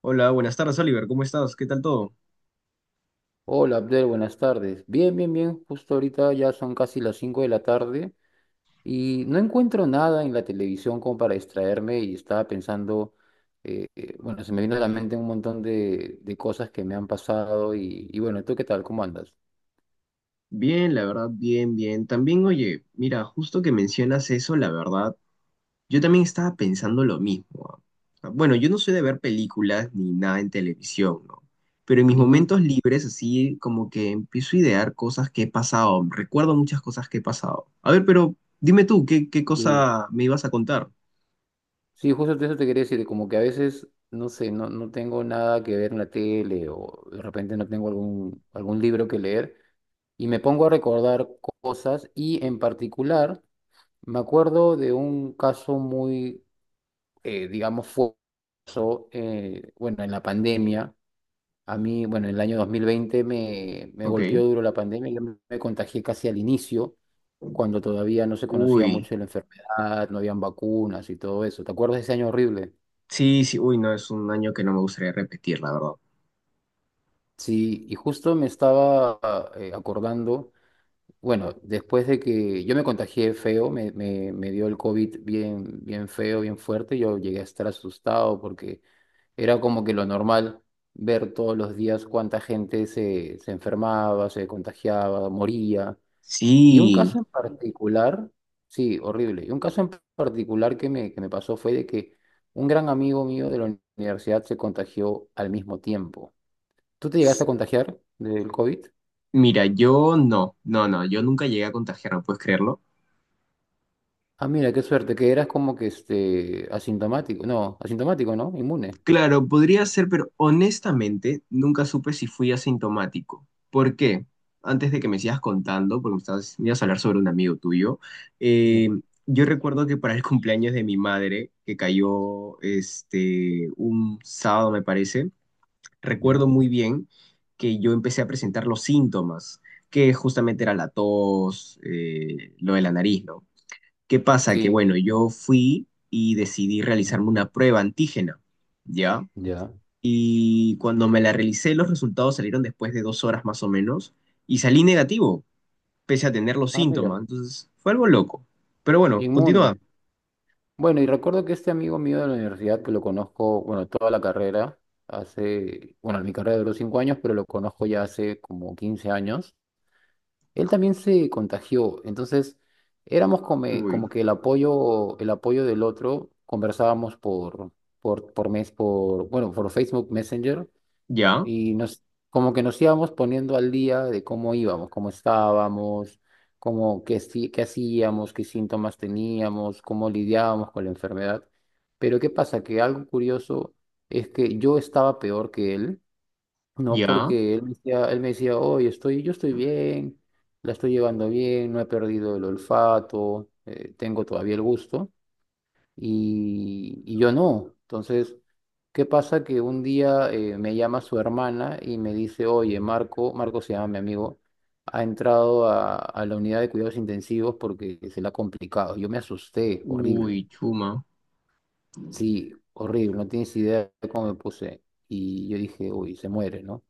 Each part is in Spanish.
Hola, buenas tardes, Oliver. ¿Cómo estás? ¿Qué tal todo? Hola Abdel, buenas tardes. Bien, bien, bien. Justo ahorita ya son casi las 5 de la tarde y no encuentro nada en la televisión como para distraerme y estaba pensando, bueno, se me vino a la mente un montón de cosas que me han pasado y, bueno, ¿tú qué tal? ¿Cómo andas? Bien, la verdad, bien, bien. También, oye, mira, justo que mencionas eso, la verdad, yo también estaba pensando lo mismo. Ah. O sea, bueno, yo no soy de ver películas ni nada en televisión, ¿no? Pero en mis Ujú. momentos libres, así como que empiezo a idear cosas que he pasado. Recuerdo muchas cosas que he pasado. A ver, pero dime tú, ¿qué Sí, cosa me ibas a contar? sí, justo de eso te quería decir, como que a veces, no sé, no tengo nada que ver en la tele o de repente no tengo algún libro que leer y me pongo a recordar cosas y en particular. Me acuerdo de un caso muy, digamos, fuerte. Bueno, en la pandemia, a mí, bueno, en el año 2020 me, golpeó Ok. duro la pandemia, yo me contagié casi al inicio, cuando todavía no se conocía Uy, mucho de la enfermedad, no habían vacunas y todo eso. ¿Te acuerdas de ese año horrible? sí, sí, uy, no, es un año que no me gustaría repetir, la verdad. Sí, y justo me estaba acordando. Bueno, después de que yo me contagié feo, me dio el COVID bien, bien feo, bien fuerte, yo llegué a estar asustado porque era como que lo normal ver todos los días cuánta gente se, se enfermaba, se contagiaba, moría. Y un Sí. caso en particular, sí, horrible, y un caso en particular que me pasó fue de que un gran amigo mío de la universidad se contagió al mismo tiempo. ¿Tú te llegaste a contagiar del COVID? Mira, yo no, yo nunca llegué a contagiarme, ¿puedes creerlo? Ah, mira, qué suerte, que eras como que este asintomático, no, asintomático, ¿no? Inmune. Claro, podría ser, pero honestamente nunca supe si fui asintomático. ¿Por qué? Antes de que me sigas contando, porque me estabas, me ibas a hablar sobre un amigo tuyo, eh, Sí. yo recuerdo que para el cumpleaños de mi madre, que cayó este, un sábado, me parece, recuerdo Ya. muy bien que yo empecé a presentar los síntomas, que justamente era la tos, lo de la nariz, ¿no? ¿Qué pasa? Que Sí. bueno, yo fui y decidí realizarme una prueba antígena, ¿ya? Ya. Y cuando me la realicé, los resultados salieron después de dos horas más o menos y salí negativo, pese a tener los Ah, síntomas. mira, Entonces, fue algo loco. Pero bueno, continúa. inmune. Bueno, y recuerdo que este amigo mío de la universidad, que lo conozco, bueno, toda la carrera, hace, bueno, mi carrera duró 5 años, pero lo conozco ya hace como 15 años, él también se contagió, entonces éramos como, Uy, como que el apoyo del otro, conversábamos por mes, por, bueno, por Facebook Messenger, ya, y nos, como que nos íbamos poniendo al día de cómo íbamos, cómo estábamos, cómo, qué, qué hacíamos, qué síntomas teníamos, cómo lidiábamos con la enfermedad. Pero ¿qué pasa? Que algo curioso es que yo estaba peor que él, ¿no? ya. Porque él me decía, oye, estoy, yo estoy bien, la estoy llevando bien, no he perdido el olfato, tengo todavía el gusto y, yo no. Entonces, ¿qué pasa? Que un día me llama su hermana y me dice, oye, Marco, Marco se llama mi amigo, ha entrado a la unidad de cuidados intensivos porque se le ha complicado. Yo me asusté, Uy, horrible. chuma. Sí, horrible, no tienes idea de cómo me puse. Y yo dije, uy, se muere, ¿no?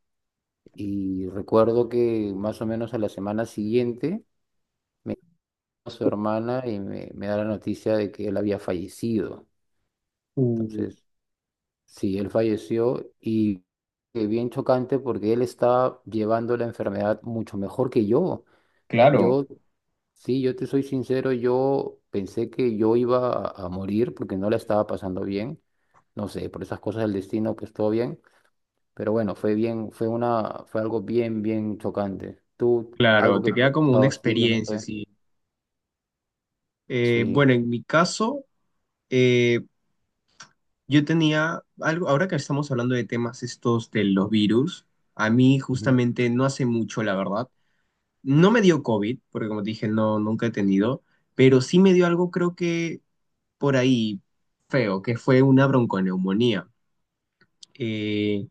Y recuerdo que más o menos a la semana siguiente, a su hermana y me da la noticia de que él había fallecido. Uy, Entonces, sí, él falleció y bien chocante porque él está llevando la enfermedad mucho mejor que yo. claro, Yo, sí, yo te soy sincero, yo pensé que yo iba a morir porque no la estaba pasando bien. No sé, por esas cosas del destino, pues todo bien. Pero bueno, fue algo bien, bien chocante. Tú, algo claro, que te te queda ha como una pasado así, o no experiencia, sé. sí. Bueno, Sí, en mi caso, eh, yo tenía algo, ahora que estamos hablando de temas estos de los virus, a mí ujú, justamente no hace mucho, la verdad. No me dio COVID, porque como te dije, no, nunca he tenido, pero sí me dio algo, creo que por ahí feo, que fue una bronconeumonía. Eh,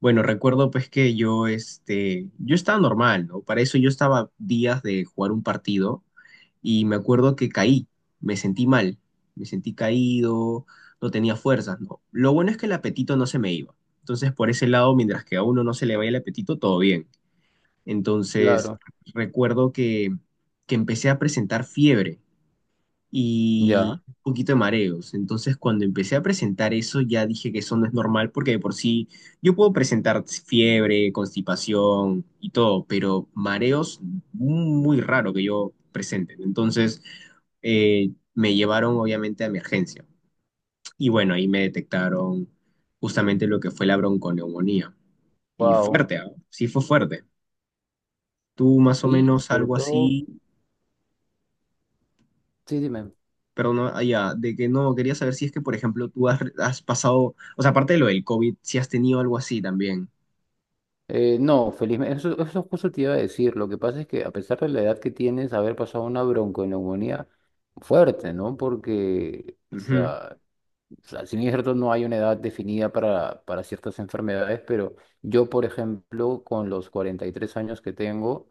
bueno, recuerdo pues que yo, este, yo estaba normal, ¿no? Para eso yo estaba días de jugar un partido y me acuerdo que caí, me sentí mal, me sentí caído, no tenía fuerzas, ¿no? Lo bueno es que el apetito no se me iba. Entonces, por ese lado, mientras que a uno no se le vaya el apetito, todo bien. Entonces, claro, recuerdo que empecé a presentar fiebre y ya, un poquito de mareos. Entonces, cuando empecé a presentar eso, ya dije que eso no es normal porque de por sí yo puedo presentar fiebre, constipación y todo, pero mareos muy raro que yo presente. Entonces, me llevaron obviamente a emergencia. Y bueno, ahí me detectaron justamente lo que fue la bronconeumonía. Y wow. fuerte, ¿ah? Sí fue fuerte. ¿Tú más o Sí, menos sobre algo todo, así sí, dime. perdón, ah, ya, de que no, quería saber si es que, por ejemplo, tú has, has pasado, o sea, aparte de lo del COVID, si has tenido algo así también. No, felizmente, eso justo te iba a decir. Lo que pasa es que a pesar de la edad que tienes, haber pasado una bronconeumonía fuerte, ¿no? Porque, o sea, si bien es cierto, no hay una edad definida para ciertas enfermedades, pero yo, por ejemplo, con los 43 años que tengo,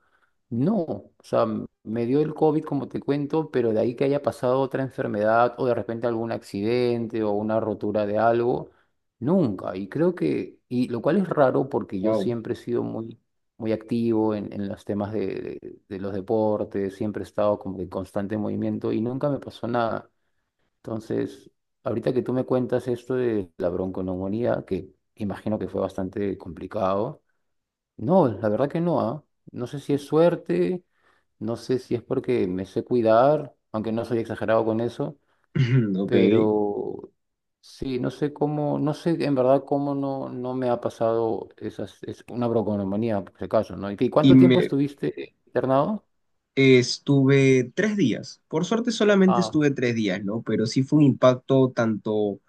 no, o sea, me dio el COVID, como te cuento, pero de ahí que haya pasado otra enfermedad o de repente algún accidente o una rotura de algo, nunca. Y creo que, y lo cual es raro porque yo Wow. siempre he sido muy, muy activo en los temas de, de los deportes, siempre he estado como que en constante movimiento y nunca me pasó nada. Entonces, ahorita que tú me cuentas esto de la bronconeumonía, que imagino que fue bastante complicado, no, la verdad que no, ¿ah? No sé si es suerte, no sé si es porque me sé cuidar, aunque no soy exagerado con eso, Ok. pero sí, no sé cómo, no sé en verdad cómo no me ha pasado esas, es una bronconeumonía, por si acaso, ¿no? ¿Y Y cuánto tiempo me estuviste internado? Estuve 3 días. Por suerte solamente Ah, estuve 3 días, ¿no? Pero sí fue un impacto tanto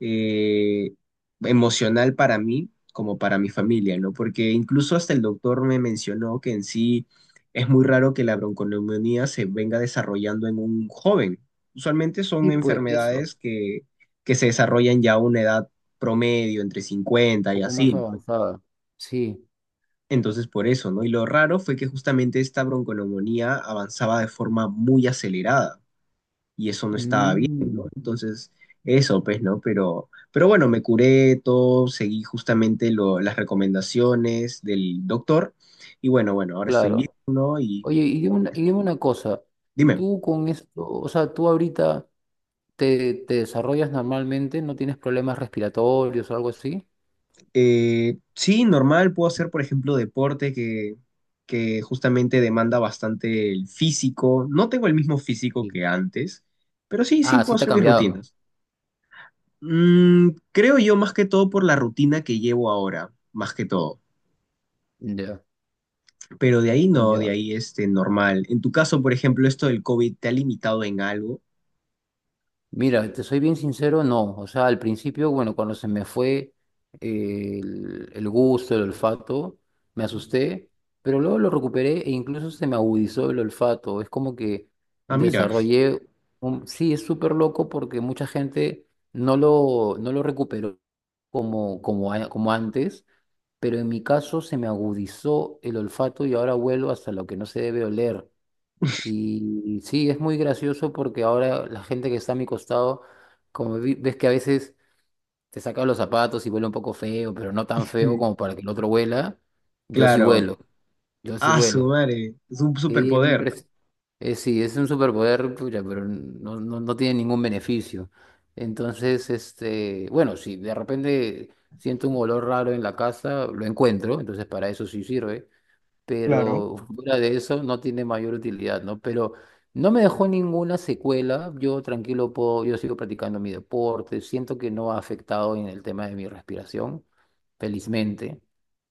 eh, emocional para mí como para mi familia, ¿no? Porque incluso hasta el doctor me mencionó que en sí es muy raro que la bronconeumonía se venga desarrollando en un joven. Usualmente son sí, pues eso, un enfermedades que se desarrollan ya a una edad promedio, entre 50 y poco más así, ¿no? avanzada. Sí. Entonces por eso, ¿no? Y lo raro fue que justamente esta bronconeumonía avanzaba de forma muy acelerada y eso no estaba bien, ¿no? Mm, Entonces, eso, pues, ¿no? Pero bueno, me curé todo, seguí justamente lo- las recomendaciones del doctor y bueno, bueno, ahora estoy bien, claro. ¿no? Y Oye, y dime una, y eso. dime una cosa, Dime, tú con esto, o sea, tú ahorita te, te desarrollas normalmente, no tienes problemas respiratorios o algo así. Sí, normal, puedo hacer, por ejemplo, deporte que justamente demanda bastante el físico. No tengo el mismo físico Sí. que antes, pero sí, sí, Ah, puedo sí te ha hacer mis cambiado. rutinas. Mm, creo yo más que todo por la rutina que llevo ahora, más que todo. Ya, Pero de ahí no, de ya. ahí este normal. En tu caso, por ejemplo, esto del COVID te ha limitado en algo. Mira, te soy bien sincero, no. O sea, al principio, bueno, cuando se me fue el gusto, el olfato, me asusté, pero luego lo recuperé e incluso se me agudizó el olfato. Es como que Ah, mira, desarrollé un... Sí, es súper loco porque mucha gente no lo recuperó como antes, pero en mi caso se me agudizó el olfato y ahora vuelvo hasta lo que no se debe oler. Y sí, es muy gracioso porque ahora la gente que está a mi costado, como ves que a veces te saca los zapatos y huele un poco feo, pero no tan feo como para que el otro huela, yo sí claro. huelo, yo sí Ah, su huelo. madre, es un Sí, superpoder. Sí, es un superpoder, pucha, pero no tiene ningún beneficio. Entonces, este, bueno, si de repente siento un olor raro en la casa, lo encuentro, entonces para eso sí sirve, Claro. pero fuera de eso no tiene mayor utilidad, ¿no? Pero no me dejó ninguna secuela, yo tranquilo puedo, yo sigo practicando mi deporte, siento que no ha afectado en el tema de mi respiración, felizmente,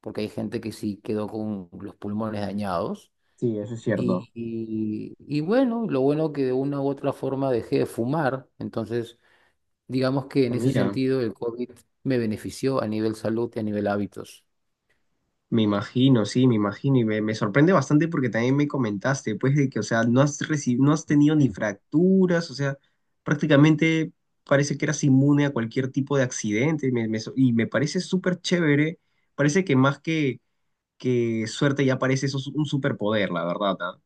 porque hay gente que sí quedó con los pulmones dañados. Sí, eso es cierto. Y bueno, lo bueno que de una u otra forma dejé de fumar, entonces digamos que Ah, en ese mira, sentido el COVID me benefició a nivel salud y a nivel hábitos. me imagino, sí, me imagino y me sorprende bastante porque también me comentaste, pues, de que, o sea, no has reci- no has tenido ni fracturas, o sea, prácticamente parece que eras inmune a cualquier tipo de accidente me- me so- y me parece súper chévere. Parece que más que suerte ya parece eso un superpoder, la verdad, ¿ah?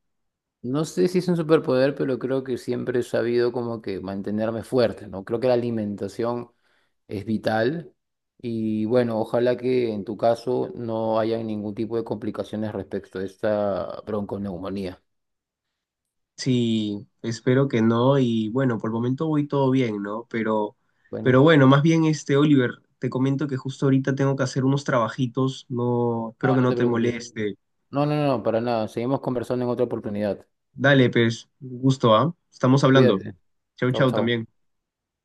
No sé si es un superpoder, pero creo que siempre he sabido como que mantenerme fuerte, ¿no? Creo que la alimentación es vital y bueno, ojalá que en tu caso no haya ningún tipo de complicaciones respecto a esta bronconeumonía. Sí, espero que no y bueno, por el momento voy todo bien, ¿no? Bueno, Pero bueno, más bien este, Oliver, te comento que justo ahorita tengo que hacer unos trabajitos, no, no, espero que no no te te preocupes. moleste. No, no, no, para nada. Seguimos conversando en otra oportunidad. Dale, pues, gusto, ¿ah? Estamos hablando. Cuídate. Chau, Chao, chau chao. también.